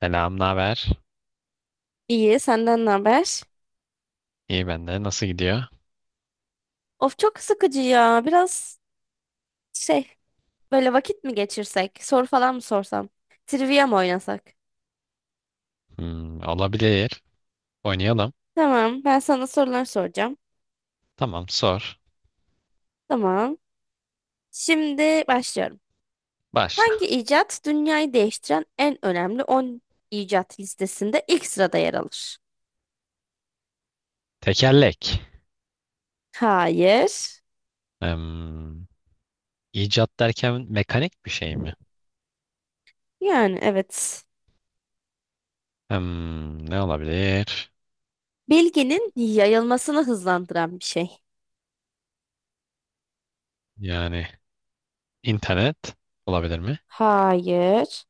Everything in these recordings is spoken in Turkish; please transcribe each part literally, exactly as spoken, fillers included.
Selam, naber? İyi, senden ne haber? İyi ben de. Nasıl gidiyor? Of çok sıkıcı ya. Biraz şey, böyle vakit mi geçirsek? Soru falan mı sorsam? Trivia mı oynasak? Hmm, olabilir. Oynayalım. Tamam, ben sana sorular soracağım. Tamam, sor. Tamam. Şimdi başlıyorum. Başla. Hangi icat dünyayı değiştiren en önemli on icat listesinde ilk sırada yer alır? Tekerlek. Hayır. Hmm, icat derken mekanik bir şey mi? Yani evet. Hmm, ne olabilir? Bilginin yayılmasını hızlandıran bir şey. Yani internet olabilir mi? Hayır.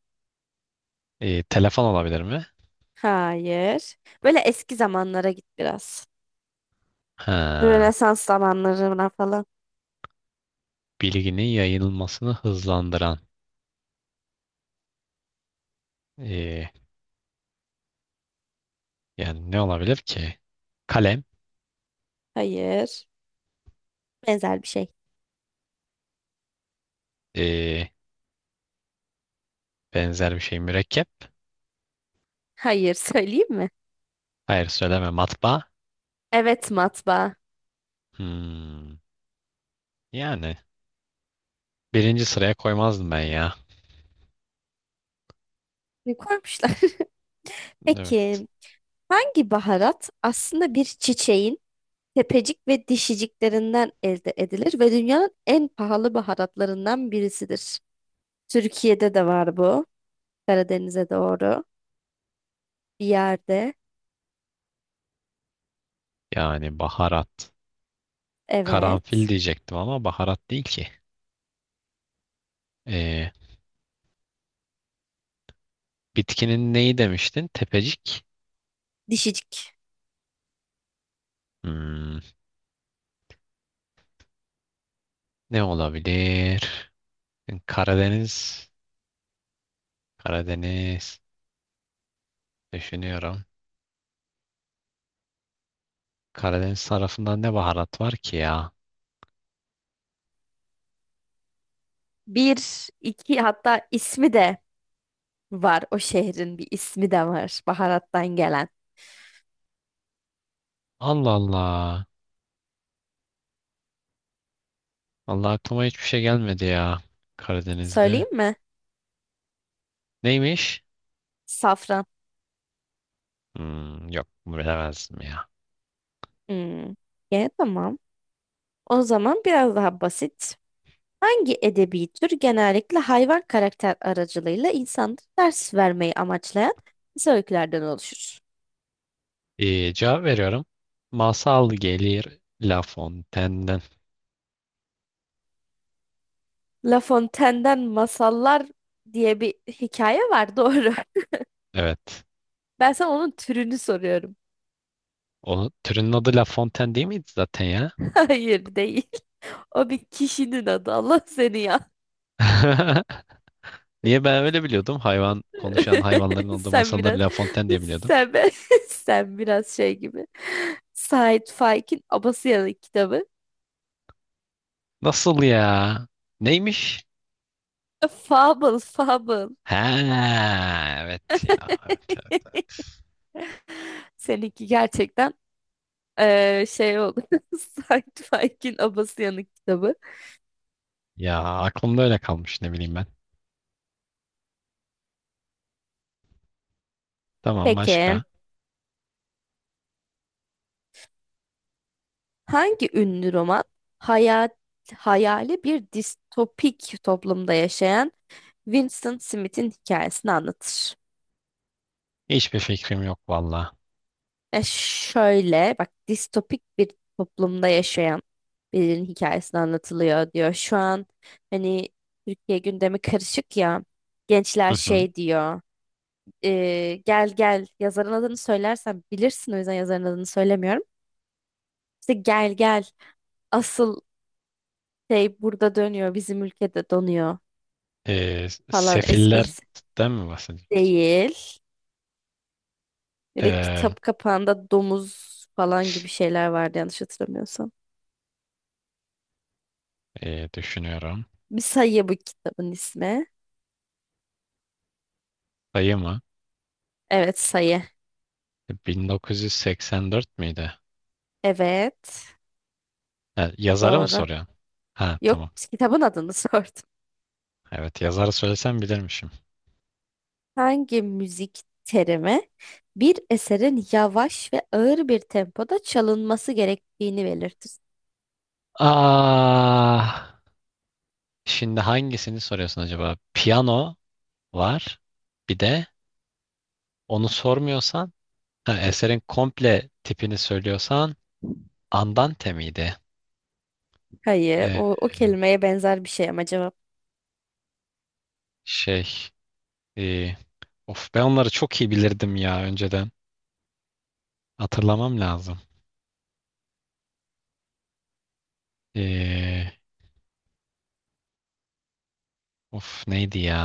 Ee, telefon olabilir mi? Hayır. Böyle eski zamanlara git biraz. Ha, Rönesans zamanlarına falan. bilginin yayılmasını hızlandıran. ee, Yani ne olabilir ki? Kalem. Hayır. Benzer bir şey. ee, Benzer bir şey. Mürekkep. Hayır söyleyeyim mi? Hayır söyleme. Matbaa. Evet matbaa. Hmm, yani. Birinci sıraya koymazdım ben ya. Ne koymuşlar? Evet. Peki hangi baharat aslında bir çiçeğin tepecik ve dişiciklerinden elde edilir ve dünyanın en pahalı baharatlarından birisidir? Türkiye'de de var bu. Karadeniz'e doğru. Bir yerde. Yani baharat. Karanfil Evet. diyecektim ama baharat değil ki. Ee, Bitkinin neyi demiştin? Tepecik. Dişicik. Hmm, Ne olabilir? Karadeniz. Karadeniz. Düşünüyorum. Karadeniz tarafında ne baharat var ki ya? Bir, iki hatta ismi de var. O şehrin bir ismi de var baharattan gelen. Allah Allah. Allah aklıma hiçbir şey gelmedi ya. Karadeniz'de. Söyleyeyim mi? Neymiş? Safran. Hmm, yok bilemezdim ya. Hmm. Yani tamam. O zaman biraz daha basit. Hangi edebi tür genellikle hayvan karakter aracılığıyla insanlara ders vermeyi amaçlayan kısa öykülerden oluşur? Ee, cevap veriyorum. Masal gelir La Fontaine'den. La Fontaine'den Masallar diye bir hikaye var doğru. Evet. Ben sana onun türünü soruyorum. O türünün adı La Fontaine değil miydi zaten ya? Hayır değil. O bir kişinin adı. Allah seni ya. Niye ben öyle biliyordum? Hayvan konuşan hayvanların olduğu Sen masalları biraz La Fontaine diye biliyordum. sen, sen biraz şey gibi. Sait Faik'in Abasıyalı kitabı. Nasıl ya? Neymiş? Fable, fable. Ha, evet ya. Evet, evet, evet. Seninki gerçekten eee, şey oldu. Sci-fi'nin abası yanık kitabı. Ya aklımda öyle kalmış ne bileyim ben. Tamam Peki başka. hangi ünlü roman hayal, hayali bir distopik toplumda yaşayan Winston Smith'in hikayesini anlatır? Hiçbir fikrim yok valla. E şöyle bak distopik bir toplumda yaşayan birinin hikayesini anlatılıyor diyor. Şu an hani Türkiye gündemi karışık ya Hı gençler hı. şey diyor. e, Gel Gel yazarın adını söylersem bilirsin o yüzden yazarın adını söylemiyorum. İşte Gel Gel asıl şey burada dönüyor bizim ülkede donuyor Ee, falan esprisi Sefillerden mi bahsediyorsun? değil. Böyle Ee, kitap kapağında domuz falan gibi şeyler vardı yanlış hatırlamıyorsam. E, düşünüyorum. Bir sayı bu kitabın ismi. Sayı mı? Evet sayı. bin dokuz yüz seksen dört miydi? Evet Ha, yazarı mı doğru. soruyorsun? Ha Yok tamam. kitabın adını sordum. Evet yazarı söylesem bilirmişim. Hangi müzik terimi bir eserin yavaş ve ağır bir tempoda çalınması gerektiğini belirtir? Ah, şimdi hangisini soruyorsun acaba? Piyano var. Bir de onu sormuyorsan, ha, eserin komple tipini söylüyorsan Andante miydi? Hayır, Ee, o, o kelimeye benzer bir şey ama cevap. şey, e, Of ben onları çok iyi bilirdim ya önceden. Hatırlamam lazım. Ee, Of neydi ya?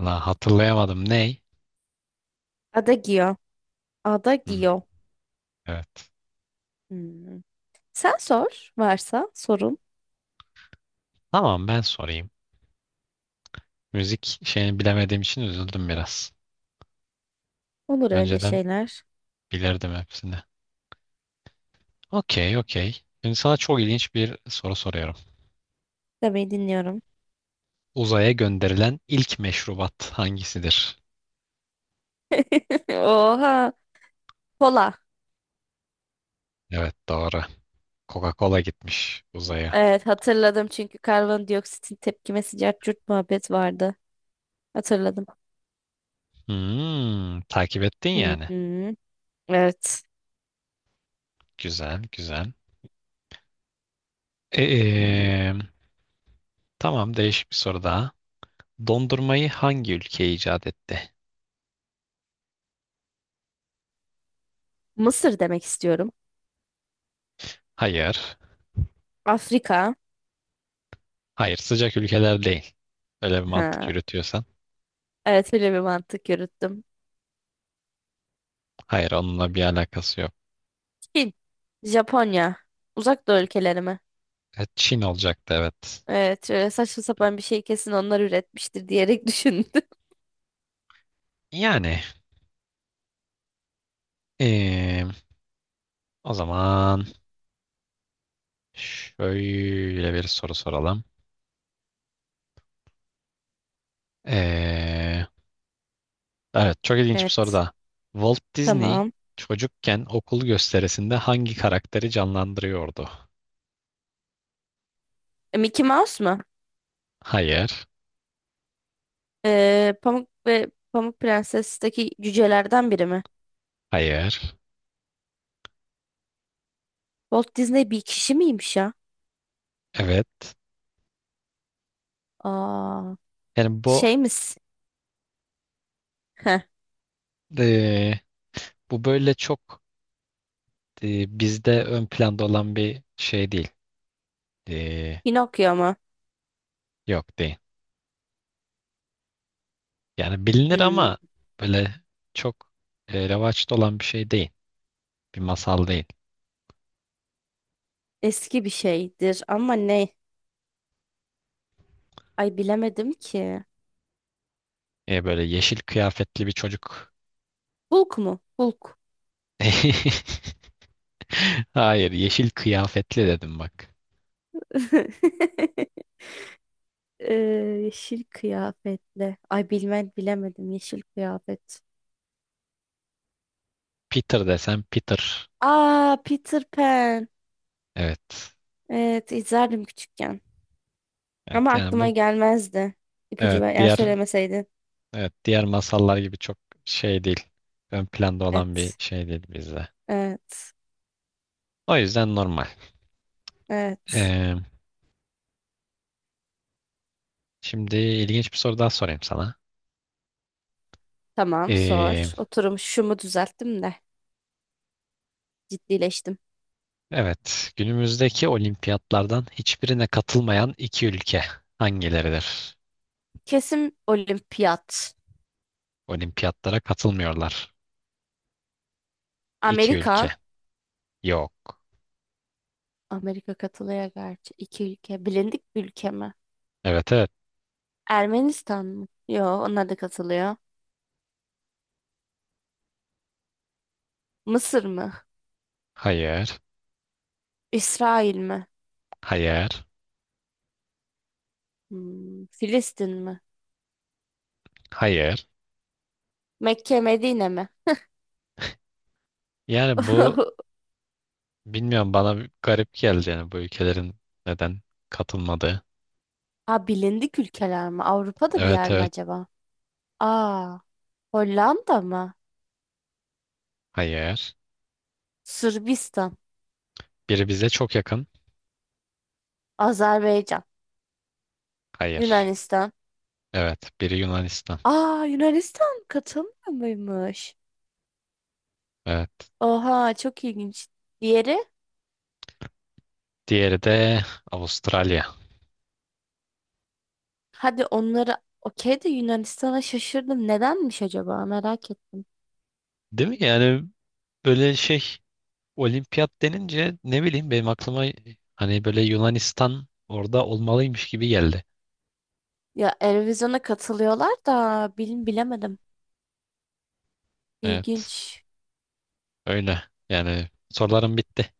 La hatırlayamadım. Ney? Adagio. Hmm. Adagio. Evet. Hmm. Sen sor varsa sorun. Tamam ben sorayım. Müzik şeyini bilemediğim için üzüldüm biraz. Olur öyle Önceden şeyler. bilirdim hepsini. Okey, okey. Şimdi sana çok ilginç bir soru soruyorum. Demeyi dinliyorum. Uzaya gönderilen ilk meşrubat hangisidir? Oha. Kola. Evet, doğru. Coca-Cola gitmiş uzaya. Evet hatırladım çünkü karbondioksitin tepkimesi cart curt muhabbet vardı. Hatırladım. Hmm, takip ettin Hı yani. hı. Evet. Güzel, güzel. Ee, tamam, değişik bir soru daha. Dondurmayı hangi ülke icat etti? Mısır demek istiyorum. Hayır. Afrika. Hayır, sıcak ülkeler değil. Öyle bir mantık Ha. yürütüyorsan. Evet böyle bir mantık yürüttüm. Hayır onunla bir alakası yok. Çin. Japonya. Uzak Doğu ülkeleri mi? E, Çin olacaktı evet. Evet şöyle saçma sapan bir şey kesin onlar üretmiştir diyerek düşündüm. Yani eee, o zaman şöyle bir soru soralım. Eee, evet çok ilginç bir soru Evet. da. Walt Disney Tamam. çocukken okul gösterisinde hangi karakteri canlandırıyordu? E, Mickey Mouse mu? Hayır, Ee, Pamuk ve Pamuk Prenses'teki cücelerden biri mi? hayır, Walt Disney bir kişi miymiş ya? evet. Aa, Yani bu şey misin? eee, bu böyle çok eee, bizde ön planda olan bir şey değil. Eee, Pinokyo mu? Yok değil. Yani bilinir Hmm, ama böyle çok e, revaçta olan bir şey değil. Bir masal değil. eski bir şeydir ama ne? Ay bilemedim ki. E, böyle yeşil kıyafetli bir çocuk. Hulk mu? Hulk. Hayır, yeşil kıyafetli dedim bak. Ee, yeşil kıyafetle. Ay bilmem bilemedim yeşil kıyafet. Peter desem Peter. Aa Peter Pan. Evet. Evet izlerdim küçükken. Ama Evet yani aklıma bu gelmezdi. İpucu evet ver, yani diğer söylemeseydin. evet diğer masallar gibi çok şey değil. Ön planda olan bir Evet. şey değil bizde. Evet. O yüzden normal. Evet. E, Şimdi ilginç bir soru daha sorayım sana. Tamam E, sor. Oturum şumu düzelttim de ciddileştim. Evet, günümüzdeki olimpiyatlardan hiçbirine katılmayan iki ülke hangileridir? Kesim olimpiyat. Olimpiyatlara katılmıyorlar. İki ülke. Amerika. Yok. Amerika katılıyor gerçi. İki ülke. Bilindik bir ülke mi? Evet evet. Ermenistan mı? Yo, onlar da katılıyor. Mısır mı? Hayır. İsrail mi? Hayır. Hmm, Filistin mi? Hayır. Mekke, Medine mi? Yani bu bilmiyorum bana bir garip geldi yani bu ülkelerin neden katılmadığı. Aa, bilindik ülkeler mi? Avrupa'da bir Evet yer mi evet. acaba? Aa, Hollanda mı? Hayır. Sırbistan, Biri bize çok yakın. Azerbaycan, Hayır. Yunanistan. Evet. Biri Yunanistan. Aa, Yunanistan katılmıyor muymuş? Evet. Oha, çok ilginç. Diğeri? Diğeri de Avustralya. Hadi onları okey de Yunanistan'a şaşırdım. Nedenmiş acaba? Merak ettim. Değil mi? Yani böyle şey Olimpiyat denince ne bileyim benim aklıma hani böyle Yunanistan orada olmalıymış gibi geldi. Ya Eurovision'a katılıyorlar da bil bilemedim. Evet, İlginç. öyle. Yani sorularım bitti.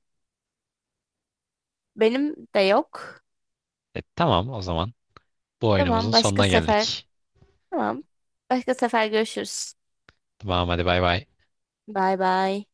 Benim de yok. E, tamam o zaman bu oyunumuzun Tamam başka sonuna sefer. geldik. Tamam. Başka sefer görüşürüz. Tamam hadi bay bay. Bay bay.